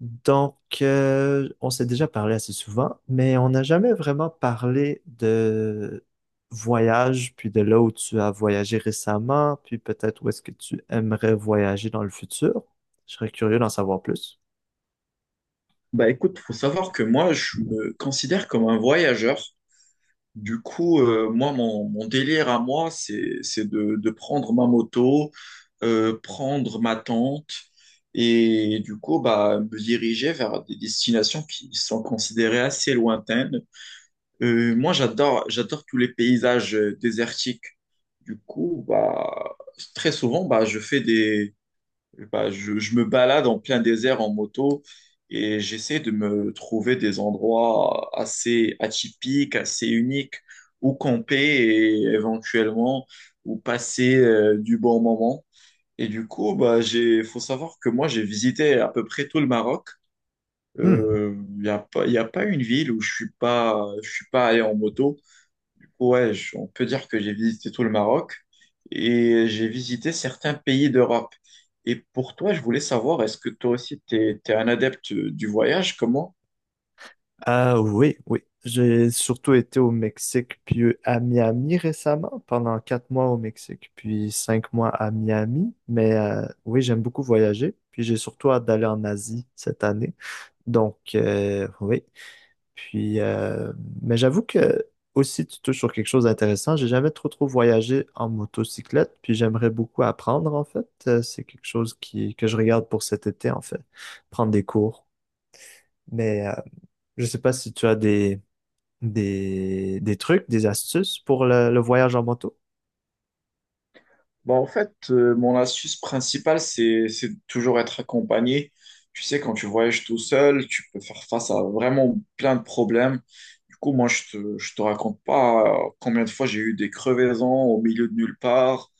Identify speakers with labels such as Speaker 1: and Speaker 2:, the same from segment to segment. Speaker 1: Donc, on s'est déjà parlé assez souvent, mais on n'a jamais vraiment parlé de voyage, puis de là où tu as voyagé récemment, puis peut-être où est-ce que tu aimerais voyager dans le futur. Je serais curieux d'en savoir plus.
Speaker 2: Bah écoute, faut savoir que moi, je me considère comme un voyageur. Du coup, moi, mon délire à moi, c'est de prendre ma moto, prendre ma tente et du coup, bah, me diriger vers des destinations qui sont considérées assez lointaines. Moi, j'adore tous les paysages désertiques. Du coup, bah, très souvent, bah, je fais des bah, je me balade en plein désert en moto et j'essaie de me trouver des endroits assez atypiques, assez uniques où camper et éventuellement où passer du bon moment. Et du coup, bah, faut savoir que moi, j'ai visité à peu près tout le Maroc.
Speaker 1: Hmm.
Speaker 2: Il n'y a pas, y a pas une ville où je suis pas allé en moto. Ouais, on peut dire que j'ai visité tout le Maroc et j'ai visité certains pays d'Europe. Et pour toi, je voulais savoir, est-ce que toi aussi, tu es, un adepte du voyage? Comment?
Speaker 1: Oui, oui. J'ai surtout été au Mexique, puis à Miami récemment, pendant 4 mois au Mexique, puis 5 mois à Miami. Mais oui, j'aime beaucoup voyager, puis j'ai surtout hâte d'aller en Asie cette année. Donc, oui. Puis, euh, mais j'avoue que aussi, tu touches sur quelque chose d'intéressant. J'ai jamais trop voyagé en motocyclette, puis j'aimerais beaucoup apprendre en fait. C'est quelque chose que je regarde pour cet été en fait, prendre des cours. Mais je sais pas si tu as des trucs, des astuces pour le voyage en moto.
Speaker 2: Bah, en fait, mon astuce principale, c'est toujours être accompagné. Tu sais, quand tu voyages tout seul, tu peux faire face à vraiment plein de problèmes. Du coup, moi, je te raconte pas combien de fois j'ai eu des crevaisons au milieu de nulle part.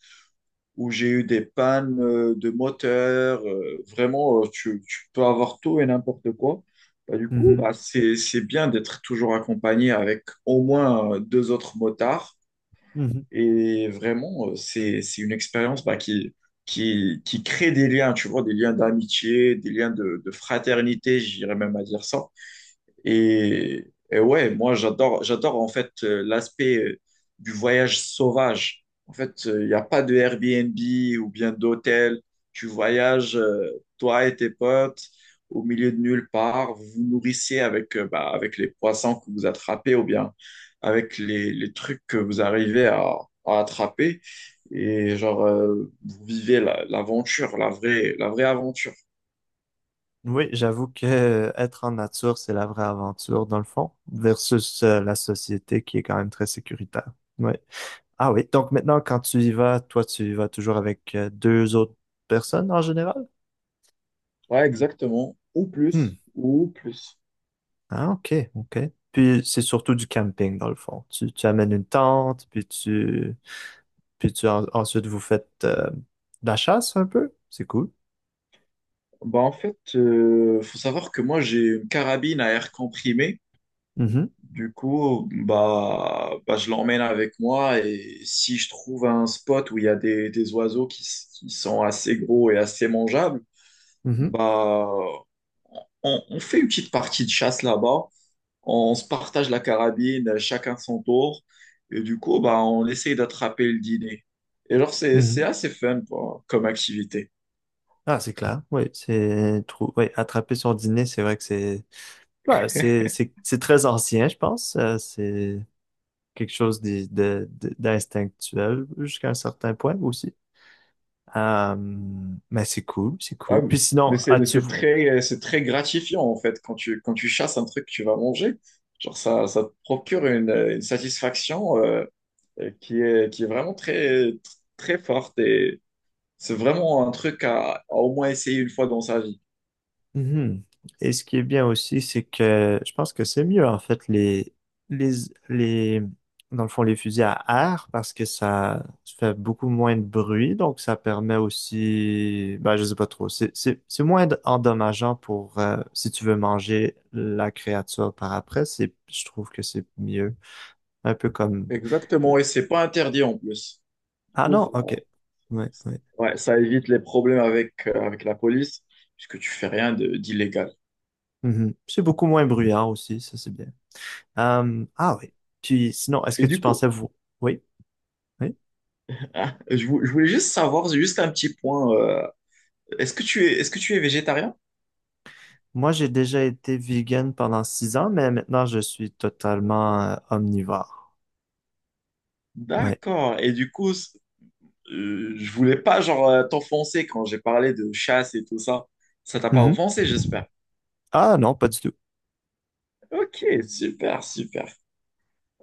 Speaker 2: Où j'ai eu des pannes de moteur. Vraiment, tu peux avoir tout et n'importe quoi. Bah, du coup,
Speaker 1: Mhm,
Speaker 2: bah, c'est bien d'être toujours accompagné avec au moins deux autres motards.
Speaker 1: mhm.
Speaker 2: Et vraiment, c'est une expérience qui crée des liens, tu vois, des liens d'amitié, des liens de fraternité, j'irais même à dire ça. Et ouais, moi j'adore en fait l'aspect du voyage sauvage. En fait, il n'y a pas de Airbnb ou bien d'hôtel. Tu voyages, toi et tes potes, au milieu de nulle part. Vous vous nourrissez avec, bah, avec les poissons que vous attrapez ou bien avec les trucs que vous arrivez à attraper. Et genre, vous vivez l'aventure, la vraie aventure.
Speaker 1: Oui, j'avoue que être en nature, c'est la vraie aventure dans le fond, versus la société qui est quand même très sécuritaire. Oui. Ah oui, donc maintenant, quand tu y vas, toi, tu y vas toujours avec deux autres personnes en général?
Speaker 2: Ouais, exactement. Ou
Speaker 1: Hmm.
Speaker 2: plus, ou plus.
Speaker 1: Ah, ok, ok. Puis c'est surtout du camping, dans le fond. Tu amènes une tente, puis tu ensuite vous faites de la chasse un peu. C'est cool.
Speaker 2: Bah en fait, faut savoir que moi j'ai une carabine à air comprimé.
Speaker 1: Mhm,
Speaker 2: Du coup, bah je l'emmène avec moi et si je trouve un spot où il y a des oiseaux qui, qui sont assez gros et assez mangeables,
Speaker 1: mhm,
Speaker 2: bah on fait une petite partie de chasse là-bas. On se partage la carabine, chacun son tour. Et du coup, bah on essaye d'attraper le dîner. Et alors
Speaker 1: mhm.
Speaker 2: c'est assez fun quoi, comme activité.
Speaker 1: Ah, c'est clair. Oui, oui, attraper son dîner, c'est vrai que c'est ouais, c'est très ancien, je pense. C'est quelque chose d'instinctuel jusqu'à un certain point aussi. Euh, mais c'est cool, c'est
Speaker 2: Ouais,
Speaker 1: cool. Puis
Speaker 2: mais
Speaker 1: sinon,
Speaker 2: mais c'est très gratifiant en fait quand tu chasses un truc que tu vas manger. Genre ça, ça te procure une satisfaction qui est vraiment très, très forte et c'est vraiment un truc à au moins essayer une fois dans sa vie.
Speaker 1: Mhm. Et ce qui est bien aussi, c'est que je pense que c'est mieux, en fait, les, les, dans le fond, les fusils à air, parce que ça fait beaucoup moins de bruit, donc ça permet aussi, ben, je sais pas trop, c'est moins endommageant pour, si tu veux manger la créature par après, je trouve que c'est mieux. Un peu comme,
Speaker 2: Exactement, et c'est pas interdit en plus. Du
Speaker 1: ah
Speaker 2: coup,
Speaker 1: non,
Speaker 2: ça,
Speaker 1: ok. Ouais, ouais.
Speaker 2: ouais, ça évite les problèmes avec, avec la police puisque tu fais rien d'illégal.
Speaker 1: Mhm. C'est beaucoup moins bruyant aussi, ça c'est bien. Ah oui. Puis sinon, est-ce que
Speaker 2: Et du
Speaker 1: tu pensais
Speaker 2: coup,
Speaker 1: vous? Oui, oui.
Speaker 2: je voulais juste savoir, juste un petit point, est-ce que tu es végétarien?
Speaker 1: Moi, j'ai déjà été vegan pendant 6 ans, mais maintenant je suis totalement omnivore. Oui.
Speaker 2: D'accord. Et du coup, je voulais pas genre t'offenser quand j'ai parlé de chasse et tout ça. Ça t'a pas
Speaker 1: Mhm.
Speaker 2: offensé, j'espère.
Speaker 1: Ah non, pas du tout.
Speaker 2: Ok, super, super.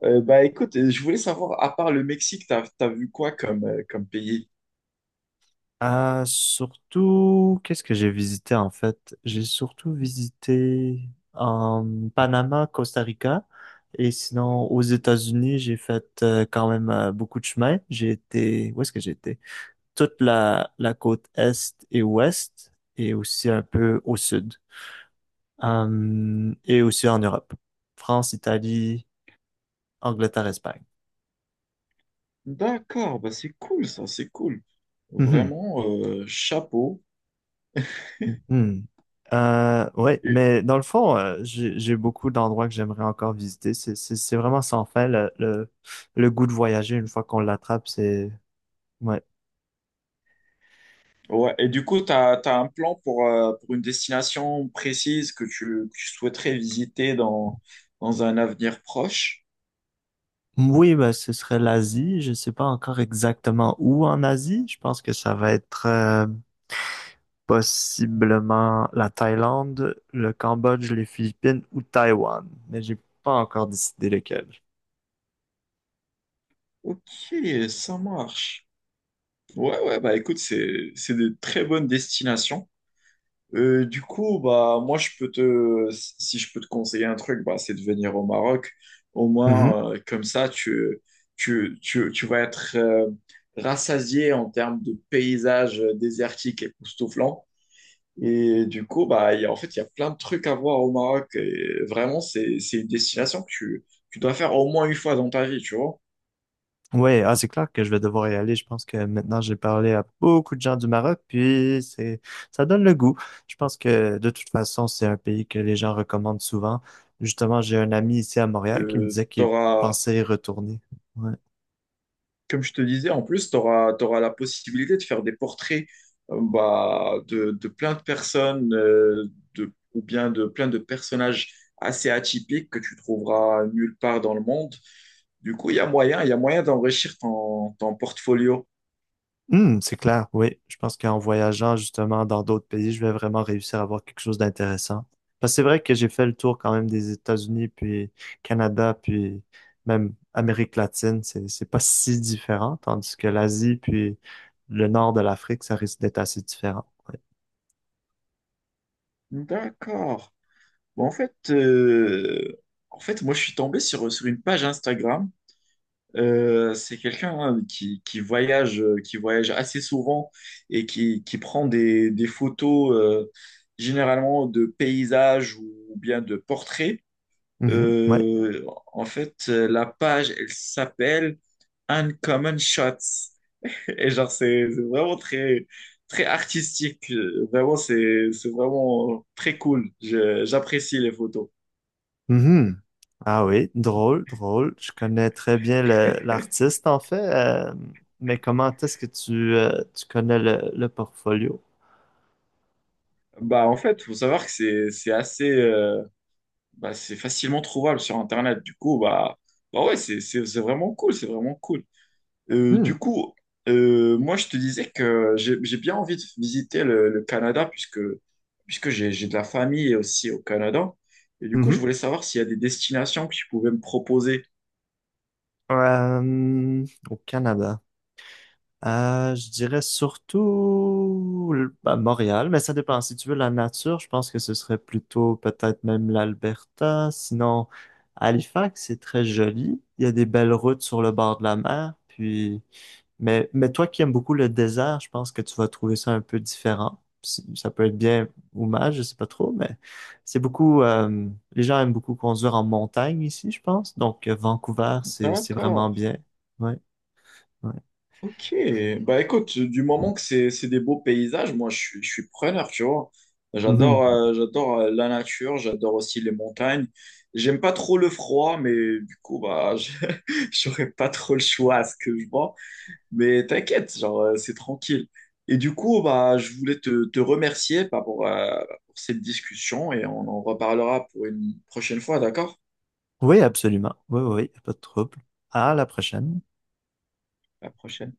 Speaker 2: Bah écoute, je voulais savoir, à part le Mexique, t'as vu quoi comme, comme pays?
Speaker 1: Surtout, qu'est-ce que j'ai visité en fait? J'ai surtout visité en Panama, Costa Rica, et sinon aux États-Unis, j'ai fait quand même beaucoup de chemin. J'ai été, où est-ce que j'étais? Toute la côte est et ouest, et aussi un peu au sud, hum, et aussi en Europe. France, Italie, Angleterre, Espagne.
Speaker 2: D'accord, bah c'est cool ça, c'est cool.
Speaker 1: Mhm.
Speaker 2: Vraiment, chapeau.
Speaker 1: Hmm. Ouais,
Speaker 2: Et,
Speaker 1: mais dans le fond, j'ai beaucoup d'endroits que j'aimerais encore visiter. C'est vraiment sans fin. Le goût de voyager, une fois qu'on l'attrape, c'est... Ouais.
Speaker 2: ouais, et du coup, t'as un plan pour une destination précise que tu souhaiterais visiter dans, dans un avenir proche?
Speaker 1: Oui, ben, ce serait l'Asie. Je sais pas encore exactement où en Asie. Je pense que ça va être... possiblement la Thaïlande, le Cambodge, les Philippines ou Taïwan. Mais j'ai pas encore décidé lequel.
Speaker 2: Ok, ça marche. Ouais, ouais, bah écoute, c'est de très bonnes destinations. Du coup, bah moi je peux te si je peux te conseiller un truc, bah c'est de venir au Maroc. Au
Speaker 1: Mhm.
Speaker 2: moins comme ça tu tu vas être rassasié en termes de paysages désertiques époustouflants. Et du coup, en fait, il y a plein de trucs à voir au Maroc. Et vraiment, c'est une destination que tu dois faire au moins une fois dans ta vie, tu vois.
Speaker 1: Ouais, ah, c'est clair que je vais devoir y aller. Je pense que maintenant j'ai parlé à beaucoup de gens du Maroc, puis c'est ça donne le goût. Je pense que de toute façon, c'est un pays que les gens recommandent souvent. Justement, j'ai un ami ici à Montréal qui me disait
Speaker 2: Tu
Speaker 1: qu'il pensait y retourner. Ouais.
Speaker 2: comme je te disais, en plus, tu auras, la possibilité de faire des portraits bah, de plein de personnes de, ou bien de plein de personnages assez atypiques que tu trouveras nulle part dans le monde. Du coup, il y a moyen, il y a moyen d'enrichir ton, ton portfolio.
Speaker 1: Hmm, c'est clair, oui. Je pense qu'en voyageant justement dans d'autres pays, je vais vraiment réussir à avoir quelque chose d'intéressant. Parce que c'est vrai que j'ai fait le tour quand même des États-Unis, puis Canada, puis même Amérique latine. C'est pas si différent, tandis que l'Asie, puis le nord de l'Afrique, ça risque d'être assez différent. Ouais.
Speaker 2: D'accord. Bon, en fait, moi, je suis tombé sur, sur une page Instagram. C'est quelqu'un hein, qui voyage assez souvent et qui prend des photos généralement de paysages ou bien de portraits.
Speaker 1: Mhm, ouais.
Speaker 2: Euh, en fait, la page, elle s'appelle Uncommon Shots. Et genre, c'est vraiment très, très artistique. Vraiment, c'est vraiment très cool. J'apprécie les photos.
Speaker 1: Mhm. Ah oui, drôle, drôle. Je connais très bien l'artiste en fait, mais comment est-ce que tu, tu connais le portfolio?
Speaker 2: Bah, en fait, faut savoir que c'est assez. Bah, c'est facilement trouvable sur Internet. Du coup, bah, bah ouais, c'est vraiment cool, c'est vraiment cool.
Speaker 1: Hmm.
Speaker 2: Du coup, moi, je te disais que j'ai bien envie de visiter le Canada puisque, puisque j'ai de la famille aussi au Canada. Et du coup, je voulais savoir s'il y a des destinations que tu pouvais me proposer.
Speaker 1: Euh, au Canada. Je dirais surtout à Montréal, mais ça dépend. Si tu veux la nature, je pense que ce serait plutôt peut-être même l'Alberta. Sinon, Halifax, c'est très joli. Il y a des belles routes sur le bord de la mer. Puis, mais toi qui aimes beaucoup le désert, je pense que tu vas trouver ça un peu différent. Ça peut être bien ou mal, je sais pas trop, mais c'est beaucoup. Les gens aiment beaucoup conduire en montagne ici, je pense. Donc Vancouver, c'est vraiment
Speaker 2: D'accord.
Speaker 1: bien. Ouais, ouais.
Speaker 2: Ok, bah écoute, du moment que c'est des beaux paysages, moi je suis preneur, tu vois. J'adore
Speaker 1: Mhm.
Speaker 2: j'adore la nature, j'adore aussi les montagnes. J'aime pas trop le froid, mais du coup, bah, j'aurais pas trop le choix à ce que je vois. Mais t'inquiète, genre, c'est tranquille. Et du coup, bah, je voulais te remercier bah, pour cette discussion et on en reparlera pour une prochaine fois, d'accord?
Speaker 1: Oui, absolument. Oui, oui, pas de trouble. À la prochaine.
Speaker 2: À la prochaine.